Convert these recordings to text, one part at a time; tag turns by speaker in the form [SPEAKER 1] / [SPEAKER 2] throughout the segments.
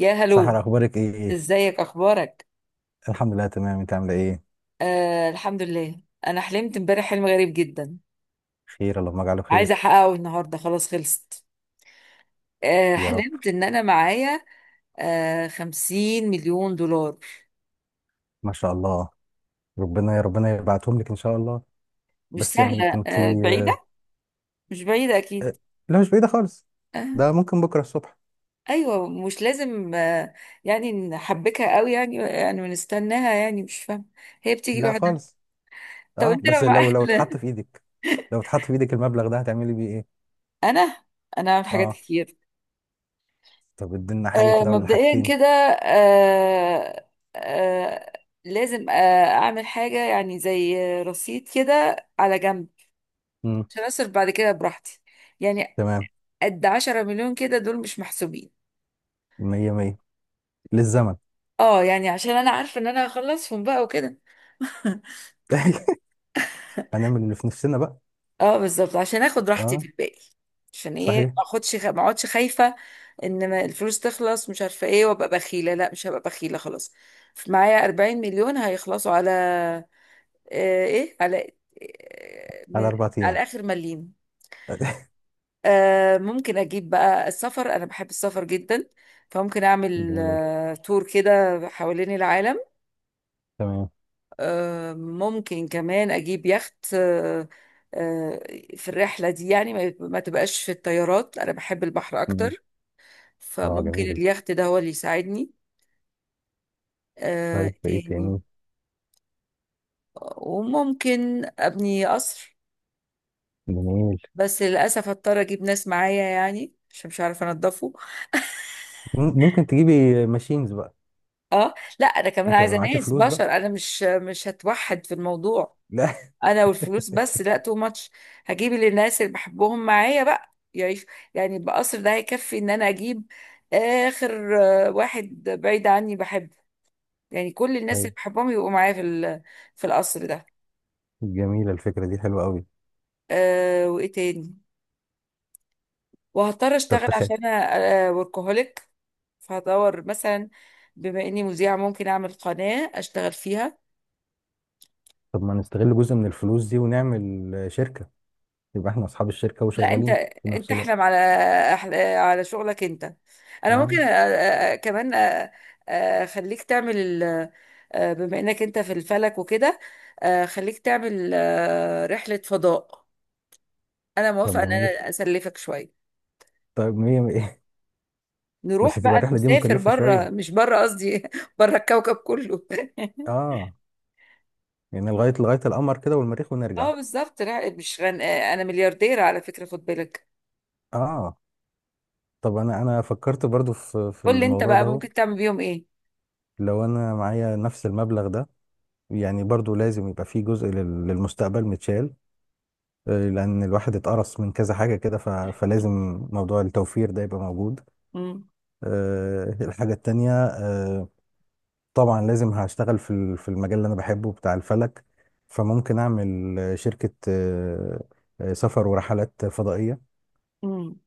[SPEAKER 1] يا هلو،
[SPEAKER 2] سحر، اخبارك ايه؟
[SPEAKER 1] ازيك، اخبارك؟
[SPEAKER 2] الحمد لله تمام. انت عامله ايه؟
[SPEAKER 1] آه، الحمد لله. انا حلمت امبارح حلم غريب جدا،
[SPEAKER 2] خير اللهم اجعله
[SPEAKER 1] عايزه
[SPEAKER 2] خير.
[SPEAKER 1] احققه النهارده. خلاص خلصت.
[SPEAKER 2] يا رب.
[SPEAKER 1] حلمت ان انا معايا 50 مليون دولار.
[SPEAKER 2] ما شاء الله. ربنا يا ربنا يبعتهم لك ان شاء الله.
[SPEAKER 1] مش
[SPEAKER 2] بس يعني
[SPEAKER 1] سهله،
[SPEAKER 2] كنت
[SPEAKER 1] بعيده. مش بعيده اكيد.
[SPEAKER 2] لا مش بعيده خالص.
[SPEAKER 1] آه.
[SPEAKER 2] ده ممكن بكره الصبح.
[SPEAKER 1] ايوه، مش لازم يعني نحبكها قوي، يعني ونستناها، يعني مش فاهمه. هي بتيجي
[SPEAKER 2] لا
[SPEAKER 1] لوحدها.
[SPEAKER 2] خالص.
[SPEAKER 1] طب
[SPEAKER 2] اه
[SPEAKER 1] انت لو
[SPEAKER 2] بس لو
[SPEAKER 1] معاك
[SPEAKER 2] لو اتحط في ايدك، لو اتحط في ايدك المبلغ ده هتعملي بيه ايه؟
[SPEAKER 1] انا انا عامل حاجات
[SPEAKER 2] اه.
[SPEAKER 1] كتير.
[SPEAKER 2] طب ادينا حاجه كده ولا
[SPEAKER 1] مبدئيا
[SPEAKER 2] حاجتين؟
[SPEAKER 1] كده. آه، آه، لازم اعمل حاجة يعني زي رصيد كده على جنب،
[SPEAKER 2] امم
[SPEAKER 1] عشان اصرف بعد كده براحتي. يعني
[SPEAKER 2] تمام.
[SPEAKER 1] قد 10 مليون كده دول مش محسوبين.
[SPEAKER 2] مية مية. للزمن.
[SPEAKER 1] اه يعني عشان انا عارفة ان انا هخلصهم بقى وكده.
[SPEAKER 2] هنعمل اللي في نفسنا بقى.
[SPEAKER 1] اه بالظبط، عشان اخد راحتي في
[SPEAKER 2] اه
[SPEAKER 1] الباقي. عشان ايه
[SPEAKER 2] صحيح.
[SPEAKER 1] ما اخدش ما اقعدش خايفة ان ما الفلوس تخلص، مش عارفة ايه، وابقى بخيلة. لا، مش هبقى بخيلة خلاص. معايا 40 مليون هيخلصوا على آه، ايه على آه،
[SPEAKER 2] على
[SPEAKER 1] من
[SPEAKER 2] اربع ايام.
[SPEAKER 1] على اخر مليم. ممكن اجيب بقى السفر، انا بحب السفر جدا، فممكن اعمل
[SPEAKER 2] جميل.
[SPEAKER 1] تور كده حوالين العالم.
[SPEAKER 2] تمام.
[SPEAKER 1] ممكن كمان اجيب يخت آه، في الرحله دي، يعني ما تبقاش في الطيارات، انا بحب البحر
[SPEAKER 2] مم.
[SPEAKER 1] اكتر،
[SPEAKER 2] اه
[SPEAKER 1] فممكن
[SPEAKER 2] جميل.
[SPEAKER 1] اليخت ده هو اللي يساعدني.
[SPEAKER 2] طيب ايه
[SPEAKER 1] تاني.
[SPEAKER 2] تاني؟
[SPEAKER 1] وممكن ابني قصر،
[SPEAKER 2] جميل.
[SPEAKER 1] بس للاسف هضطر اجيب ناس معايا يعني عشان مش عارفه انضفه.
[SPEAKER 2] مم- ممكن تجيبي ماشينز بقى.
[SPEAKER 1] اه لا، انا كمان
[SPEAKER 2] انت هيبقى
[SPEAKER 1] عايزه
[SPEAKER 2] معاكي
[SPEAKER 1] ناس
[SPEAKER 2] فلوس
[SPEAKER 1] بشر،
[SPEAKER 2] بقى.
[SPEAKER 1] انا مش هتوحد في الموضوع.
[SPEAKER 2] لا
[SPEAKER 1] انا والفلوس بس، لا تو ماتش. هجيب اللي الناس اللي بحبهم معايا بقى يعيش. يعني بقصر ده هيكفي ان انا اجيب اخر واحد بعيد عني بحبه، يعني كل الناس
[SPEAKER 2] طيب.
[SPEAKER 1] اللي بحبهم يبقوا معايا في في القصر ده.
[SPEAKER 2] جميلة، الفكرة دي حلوة قوي.
[SPEAKER 1] أه، وايه تاني؟ وهضطر
[SPEAKER 2] طب
[SPEAKER 1] اشتغل
[SPEAKER 2] تخيل.
[SPEAKER 1] عشان انا وركهوليك. فهدور مثلا، بما اني مذيعه، ممكن اعمل قناه اشتغل فيها.
[SPEAKER 2] طب ما نستغل جزء من الفلوس دي ونعمل شركة، يبقى احنا اصحاب الشركة
[SPEAKER 1] لا انت،
[SPEAKER 2] وشغالين في نفس الوقت.
[SPEAKER 1] احلم على على شغلك انت. انا
[SPEAKER 2] اه
[SPEAKER 1] ممكن أ... أ- كمان أ- أ- اخليك تعمل ال... بما انك انت في الفلك وكده، خليك تعمل رحلة فضاء. انا
[SPEAKER 2] طب
[SPEAKER 1] موافقة ان
[SPEAKER 2] جميل.
[SPEAKER 1] انا اسلفك شوية.
[SPEAKER 2] طيب مية مية. بس
[SPEAKER 1] نروح
[SPEAKER 2] تبقى
[SPEAKER 1] بقى
[SPEAKER 2] الرحلة دي
[SPEAKER 1] نسافر
[SPEAKER 2] مكلفة
[SPEAKER 1] بره،
[SPEAKER 2] شوية.
[SPEAKER 1] مش بره قصدي بره الكوكب كله
[SPEAKER 2] اه يعني لغاية القمر كده والمريخ ونرجع.
[SPEAKER 1] اه بالظبط، لا مش غن... انا مليارديرة على فكرة، خد بالك.
[SPEAKER 2] اه طب انا فكرت برضو في
[SPEAKER 1] قول لي انت
[SPEAKER 2] الموضوع
[SPEAKER 1] بقى،
[SPEAKER 2] ده اهو.
[SPEAKER 1] ممكن تعمل بيهم ايه؟
[SPEAKER 2] لو انا معايا نفس المبلغ ده، يعني برضو لازم يبقى في جزء لل- للمستقبل متشال. لأن الواحد اتقرص من كذا حاجة كده ف- فلازم موضوع التوفير ده يبقى موجود.
[SPEAKER 1] امم
[SPEAKER 2] الحاجة التانية طبعا لازم هشتغل في ال- في المجال اللي أنا بحبه بتاع الفلك، فممكن أعمل شركة، سفر ورحلات فضائية.
[SPEAKER 1] امم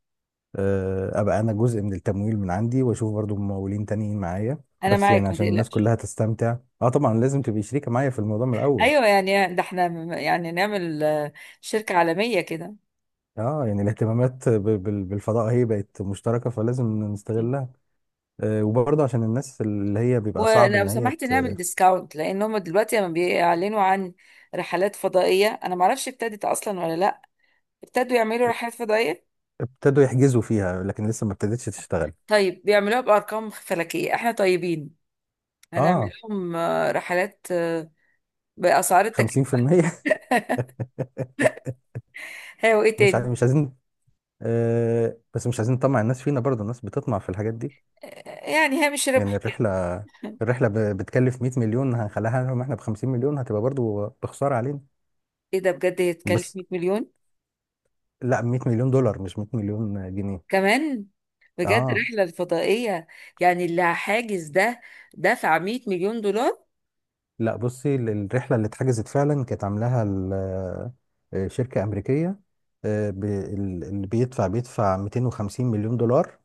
[SPEAKER 2] أبقى أنا جزء من التمويل من عندي وأشوف برضو ممولين تانيين معايا،
[SPEAKER 1] انا
[SPEAKER 2] بس يعني
[SPEAKER 1] معاك ما
[SPEAKER 2] عشان الناس
[SPEAKER 1] تقلقش.
[SPEAKER 2] كلها تستمتع. اه طبعا لازم تبقي شريكة معايا في الموضوع من الأول.
[SPEAKER 1] ايوه، يعني ده احنا يعني نعمل شركة عالمية كده.
[SPEAKER 2] اه يعني الاهتمامات ب- بال- بالفضاء هي بقت مشتركة فلازم نستغلها. وبرضه عشان الناس اللي هي بيبقى صعب
[SPEAKER 1] ولو
[SPEAKER 2] ان هي
[SPEAKER 1] سمحت نعمل
[SPEAKER 2] ت-
[SPEAKER 1] ديسكاونت، لان هم دلوقتي لما بيعلنوا عن رحلات فضائية، انا معرفش ابتدت اصلا ولا لا. ابتدوا يعملوا رحلات فضائية؟
[SPEAKER 2] ابتدوا يحجزوا فيها لكن لسه ما ابتدتش تشتغل.
[SPEAKER 1] طيب بيعملوها بارقام فلكية، احنا طيبين، هنعمل
[SPEAKER 2] اه
[SPEAKER 1] لهم رحلات باسعار التكلفة.
[SPEAKER 2] 50%
[SPEAKER 1] هي وايه
[SPEAKER 2] مش عايز،
[SPEAKER 1] تاني؟
[SPEAKER 2] مش عايزين. آه بس مش عايزين نطمع الناس فينا برضه، الناس بتطمع في الحاجات دي.
[SPEAKER 1] يعني هامش
[SPEAKER 2] يعني
[SPEAKER 1] ربح كده.
[SPEAKER 2] الرحلة ب- بتكلف 100 مليون، هنخليها لهم احنا ب 50 مليون، هتبقى برضه بخسارة علينا.
[SPEAKER 1] ايه ده، بجد هيتكلف
[SPEAKER 2] بس
[SPEAKER 1] 100 مليون
[SPEAKER 2] لا، 100 مليون دولار مش 100 مليون جنيه.
[SPEAKER 1] كمان؟ بجد
[SPEAKER 2] اه.
[SPEAKER 1] رحلة الفضائية، يعني اللي حاجز ده دفع 100 مليون دولار؟
[SPEAKER 2] لا بصي، ال- الرحلة اللي اتحجزت فعلا كانت عاملاها ال- شركة أمريكية، ب- ال- اللي بيدفع 250 مليون دولار،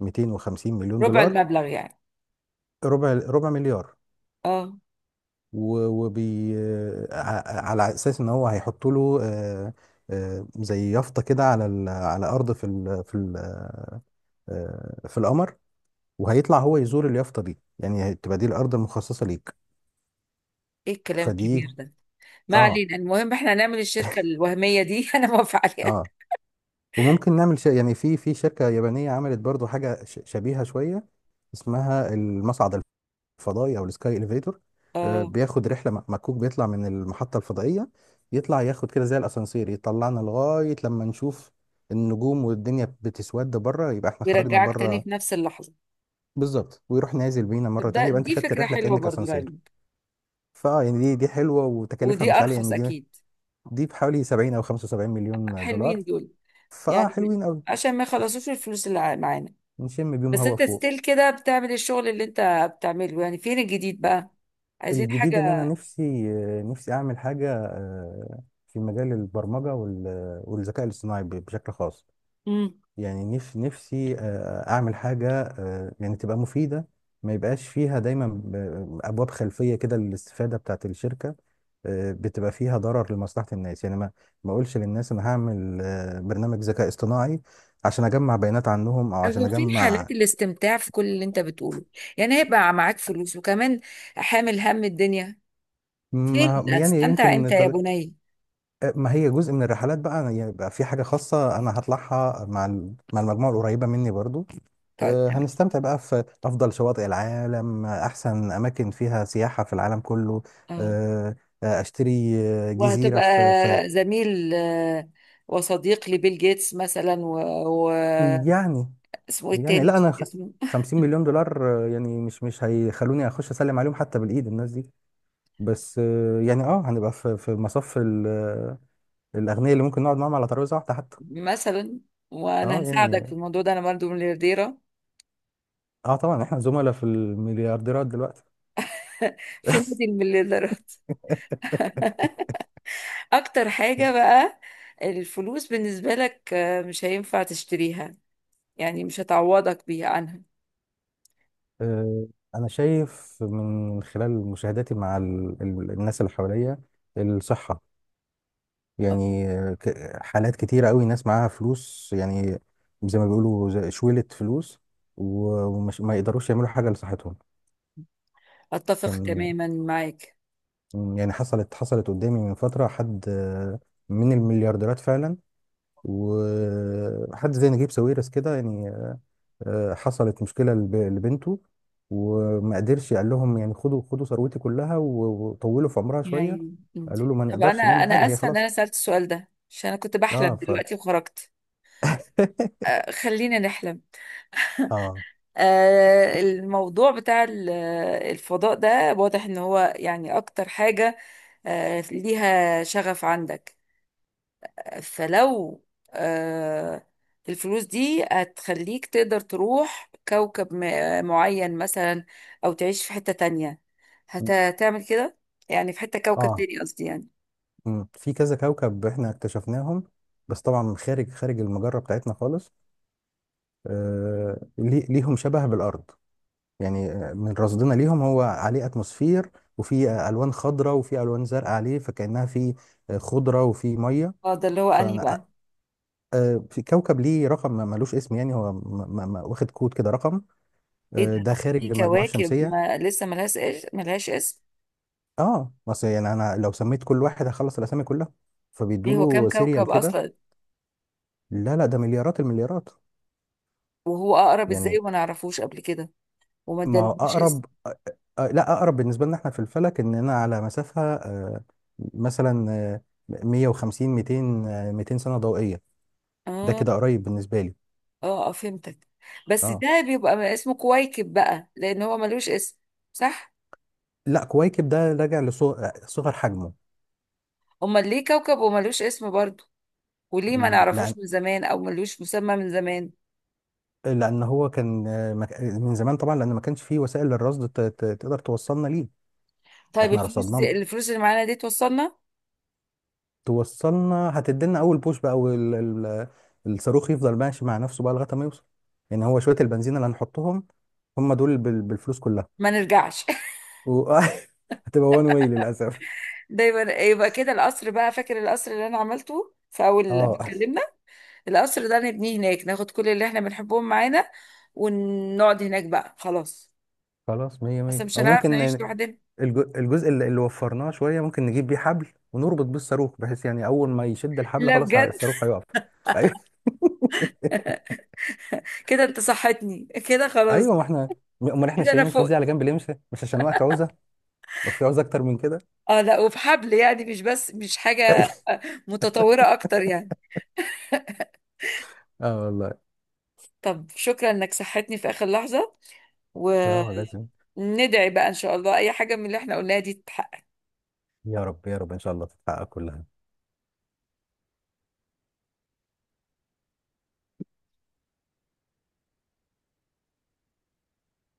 [SPEAKER 2] 250 مليون
[SPEAKER 1] ربع
[SPEAKER 2] دولار.
[SPEAKER 1] المبلغ يعني.
[SPEAKER 2] ربع، ربع مليار.
[SPEAKER 1] اه،
[SPEAKER 2] و- وبي ع- على أساس إن هو هيحط له زي يافطة كده على ال- على أرض في ال في القمر، وهيطلع هو يزور اليافطة دي، يعني هتبقى دي الأرض المخصصة ليك.
[SPEAKER 1] ايه الكلام
[SPEAKER 2] فدي
[SPEAKER 1] الكبير ده. ما
[SPEAKER 2] اه.
[SPEAKER 1] علينا، المهم احنا هنعمل الشركة الوهمية دي انا موافقة عليها.
[SPEAKER 2] اه وممكن نعمل ش... يعني في شركة يابانية عملت برضو حاجة ش... شبيهة شوية، اسمها المصعد الفضائي او السكاي اليفيتور.
[SPEAKER 1] اه،
[SPEAKER 2] بياخد رحلة م- مكوك، بيطلع من المحطة الفضائية، يطلع ياخد كده زي الاسانسير يطلعنا لغاية لما نشوف النجوم والدنيا بتسود بره، يبقى احنا خرجنا
[SPEAKER 1] بيرجعك تاني
[SPEAKER 2] بره.
[SPEAKER 1] في نفس اللحظة؟
[SPEAKER 2] بالظبط، ويروح نازل بينا مرة
[SPEAKER 1] طب ده،
[SPEAKER 2] تانية، يبقى انت
[SPEAKER 1] دي
[SPEAKER 2] خدت
[SPEAKER 1] فكرة
[SPEAKER 2] الرحلة
[SPEAKER 1] حلوة
[SPEAKER 2] كأنك
[SPEAKER 1] برضو
[SPEAKER 2] اسانسير.
[SPEAKER 1] لعلمك.
[SPEAKER 2] فاه يعني دي حلوة وتكاليفها
[SPEAKER 1] ودي
[SPEAKER 2] مش عالية،
[SPEAKER 1] ارخص
[SPEAKER 2] يعني دي
[SPEAKER 1] اكيد.
[SPEAKER 2] دي بحوالي 70 او 75 مليون دولار.
[SPEAKER 1] حلوين دول.
[SPEAKER 2] فاه
[SPEAKER 1] يعني
[SPEAKER 2] حلوين قوي،
[SPEAKER 1] عشان ما يخلصوش الفلوس اللي معانا.
[SPEAKER 2] نشم بيهم
[SPEAKER 1] بس
[SPEAKER 2] هوا
[SPEAKER 1] انت
[SPEAKER 2] فوق.
[SPEAKER 1] ستيل كده بتعمل الشغل اللي انت بتعمله، يعني فين الجديد بقى؟ عايزين
[SPEAKER 2] الجديد ان انا
[SPEAKER 1] حاجة.
[SPEAKER 2] نفسي، نفسي اعمل حاجه في مجال البرمجه وال- والذكاء الاصطناعي ب- بشكل خاص. يعني نف- نفسي اعمل حاجه يعني تبقى مفيده، ما يبقاش فيها دايما ب- ابواب خلفيه كده للاستفاده بتاعت الشركه، بتبقى فيها ضرر لمصلحه الناس. يعني ما ما اقولش للناس انا هعمل برنامج ذكاء اصطناعي عشان اجمع بيانات عنهم او عشان
[SPEAKER 1] هو فين حالات
[SPEAKER 2] اجمع.
[SPEAKER 1] الاستمتاع في كل اللي انت بتقوله؟ يعني هيبقى معاك فلوس وكمان حامل هم الدنيا. فين
[SPEAKER 2] ما يعني
[SPEAKER 1] هتستمتع
[SPEAKER 2] يمكن،
[SPEAKER 1] امتى يا بني؟
[SPEAKER 2] ما هي جزء من الرحلات بقى، أنا يبقى في حاجة خاصة أنا هطلعها مع ال- مع المجموعة القريبة مني برضو.
[SPEAKER 1] طيب تمام.
[SPEAKER 2] هنستمتع بقى في أفضل شواطئ العالم، أحسن أماكن فيها سياحة في العالم كله.
[SPEAKER 1] اه،
[SPEAKER 2] آه، أشتري جزيرة
[SPEAKER 1] وهتبقى
[SPEAKER 2] في
[SPEAKER 1] زميل وصديق لبيل جيتس مثلا و...
[SPEAKER 2] يعني،
[SPEAKER 1] اسمه ايه
[SPEAKER 2] يعني
[SPEAKER 1] التاني؟
[SPEAKER 2] لا أنا خ-
[SPEAKER 1] اسمه
[SPEAKER 2] 50 مليون دولار يعني مش مش هيخلوني أخش أسلم عليهم حتى بالإيد الناس دي. بس يعني أه هنبقى في مصف ال- الأغنياء اللي ممكن نقعد معاهم على ترابيزة واحدة حتى.
[SPEAKER 1] مثلا. وانا
[SPEAKER 2] أه
[SPEAKER 1] هساعدك في
[SPEAKER 2] يعني،
[SPEAKER 1] الموضوع ده، انا برضه مليارديره
[SPEAKER 2] اه طبعا احنا زملاء في المليارديرات دلوقتي.
[SPEAKER 1] في نادي المليارديرات. اكتر حاجه بقى، الفلوس بالنسبه لك مش هينفع تشتريها، يعني مش هتعوضك بيها عنها.
[SPEAKER 2] آه، انا شايف من خلال مشاهداتي مع ال- ال- الناس اللي حواليا الصحة، يعني ك- حالات كتيرة قوي ناس معاها فلوس، يعني زي ما بيقولوا زي شويلة فلوس، و- ومش ما يقدروش يعملوا حاجة لصحتهم.
[SPEAKER 1] اتفق
[SPEAKER 2] كان،
[SPEAKER 1] تماما معاك.
[SPEAKER 2] يعني حصلت قدامي من فترة حد من المليارديرات فعلا، وحد زي نجيب ساويرس كده يعني، حصلت مشكلة لب- لبنته وما قدرش، قال لهم يعني خدوا، خدوا ثروتي كلها و- وطولوا في عمرها شوية.
[SPEAKER 1] يعني مم.
[SPEAKER 2] قالوا له ما
[SPEAKER 1] طب انا،
[SPEAKER 2] نقدرش نعمل حاجة، هي
[SPEAKER 1] اسفه ان
[SPEAKER 2] خلاص.
[SPEAKER 1] انا سالت السؤال ده، عشان انا كنت
[SPEAKER 2] اه
[SPEAKER 1] بحلم
[SPEAKER 2] ف
[SPEAKER 1] دلوقتي وخرجت. خلينا نحلم.
[SPEAKER 2] اه
[SPEAKER 1] الموضوع بتاع الفضاء ده واضح ان هو يعني اكتر حاجه ليها شغف عندك. فلو آه، الفلوس دي هتخليك تقدر تروح كوكب معين مثلا، أو تعيش في حتة تانية، هتعمل كده؟ يعني في حتة كوكب
[SPEAKER 2] اه.
[SPEAKER 1] تاني قصدي يعني.
[SPEAKER 2] في كذا كوكب احنا اكتشفناهم، بس طبعا خارج المجرة بتاعتنا خالص. آه لي- ليهم شبه بالأرض، يعني من رصدنا ليهم هو عليه اتموسفير، وفي ألوان خضراء وفي ألوان زرقاء عليه، فكأنها في خضرة وفي مية.
[SPEAKER 1] اه، ده اللي هو أنهي بقى؟
[SPEAKER 2] في كوكب ليه رقم، ما- ملوش اسم، يعني هو م- م- م- واخد كود كده رقم.
[SPEAKER 1] ايه ده،
[SPEAKER 2] ده
[SPEAKER 1] في
[SPEAKER 2] خارج المجموعة
[SPEAKER 1] كواكب
[SPEAKER 2] الشمسية.
[SPEAKER 1] ما لسه ملهاش ملهاش اسم؟
[SPEAKER 2] اه بس يعني انا لو سميت كل واحد هخلص الاسامي كلها، فبيدوا
[SPEAKER 1] ليه، هو كام
[SPEAKER 2] له سيريال
[SPEAKER 1] كوكب
[SPEAKER 2] كده.
[SPEAKER 1] أصلا؟
[SPEAKER 2] لا لا، ده مليارات المليارات.
[SPEAKER 1] وهو أقرب ازاي
[SPEAKER 2] يعني
[SPEAKER 1] وما نعرفوش قبل كده وما
[SPEAKER 2] ما هو
[SPEAKER 1] ادالهوش اسم؟
[SPEAKER 2] اقرب لا، اقرب بالنسبة لنا احنا في الفلك اننا على مسافة مثلا 150 200 200 سنة ضوئية. ده
[SPEAKER 1] اه
[SPEAKER 2] كده قريب بالنسبة لي.
[SPEAKER 1] اه، فهمتك. بس
[SPEAKER 2] اه
[SPEAKER 1] ده بيبقى اسمه كويكب بقى، لأن هو ملوش اسم، صح؟
[SPEAKER 2] لا، كويكب ده راجع لصغر
[SPEAKER 1] امال ليه كوكب وملوش اسم برضه؟ وليه ما
[SPEAKER 2] حجمه.
[SPEAKER 1] نعرفوش من زمان او ملوش مسمى من زمان؟
[SPEAKER 2] لان هو كان مك- من زمان طبعا لان ما كانش فيه وسائل للرصد ت- ت- تقدر توصلنا ليه.
[SPEAKER 1] طيب
[SPEAKER 2] احنا
[SPEAKER 1] الفلوس
[SPEAKER 2] رصدناه.
[SPEAKER 1] دي، الفلوس اللي معانا دي توصلنا؟
[SPEAKER 2] توصلنا، هتدينا اول بوش بقى، وال- ال- الصاروخ يفضل ماشي مع نفسه بقى لغايه ما يوصل. يعني هو شويه البنزين اللي هنحطهم هم دول بال- بالفلوس كلها.
[SPEAKER 1] ما نرجعش.
[SPEAKER 2] و... هتبقى وان واي للاسف.
[SPEAKER 1] ده يبقى كده القصر بقى، فاكر القصر اللي انا عملته في اول لما
[SPEAKER 2] اه
[SPEAKER 1] اتكلمنا؟ القصر ده نبنيه هناك، ناخد كل اللي احنا بنحبهم معانا، ونقعد هناك بقى خلاص.
[SPEAKER 2] خلاص مية
[SPEAKER 1] اصل
[SPEAKER 2] مية.
[SPEAKER 1] مش
[SPEAKER 2] او
[SPEAKER 1] هنعرف
[SPEAKER 2] ممكن
[SPEAKER 1] نعيش
[SPEAKER 2] ن-
[SPEAKER 1] لوحدنا.
[SPEAKER 2] الج- الجزء اللي وفرناه شويه ممكن نجيب بيه حبل ونربط بيه الصاروخ، بحيث يعني اول ما يشد الحبل
[SPEAKER 1] لا
[SPEAKER 2] خلاص ه-
[SPEAKER 1] بجد،
[SPEAKER 2] الصاروخ هيقف.
[SPEAKER 1] كده انت صحتني كده خلاص.
[SPEAKER 2] ايوه، ما احنا، امال احنا
[SPEAKER 1] كده انا
[SPEAKER 2] شايلين الفلوس دي على
[SPEAKER 1] فقت.
[SPEAKER 2] جنب ليه؟ مش مش عشان وقت عوزه، لو في عوزه اكتر من كده.
[SPEAKER 1] اه لا، وبحبل يعني، مش بس مش حاجة متطورة اكتر يعني.
[SPEAKER 2] اه والله.
[SPEAKER 1] طب شكرا انك صحتني في اخر لحظة.
[SPEAKER 2] اه
[SPEAKER 1] وندعي
[SPEAKER 2] لازم.
[SPEAKER 1] بقى ان شاء الله اي حاجة من اللي احنا قلناها دي تتحقق.
[SPEAKER 2] يا رب يا رب ان شاء الله تتحقق كلها.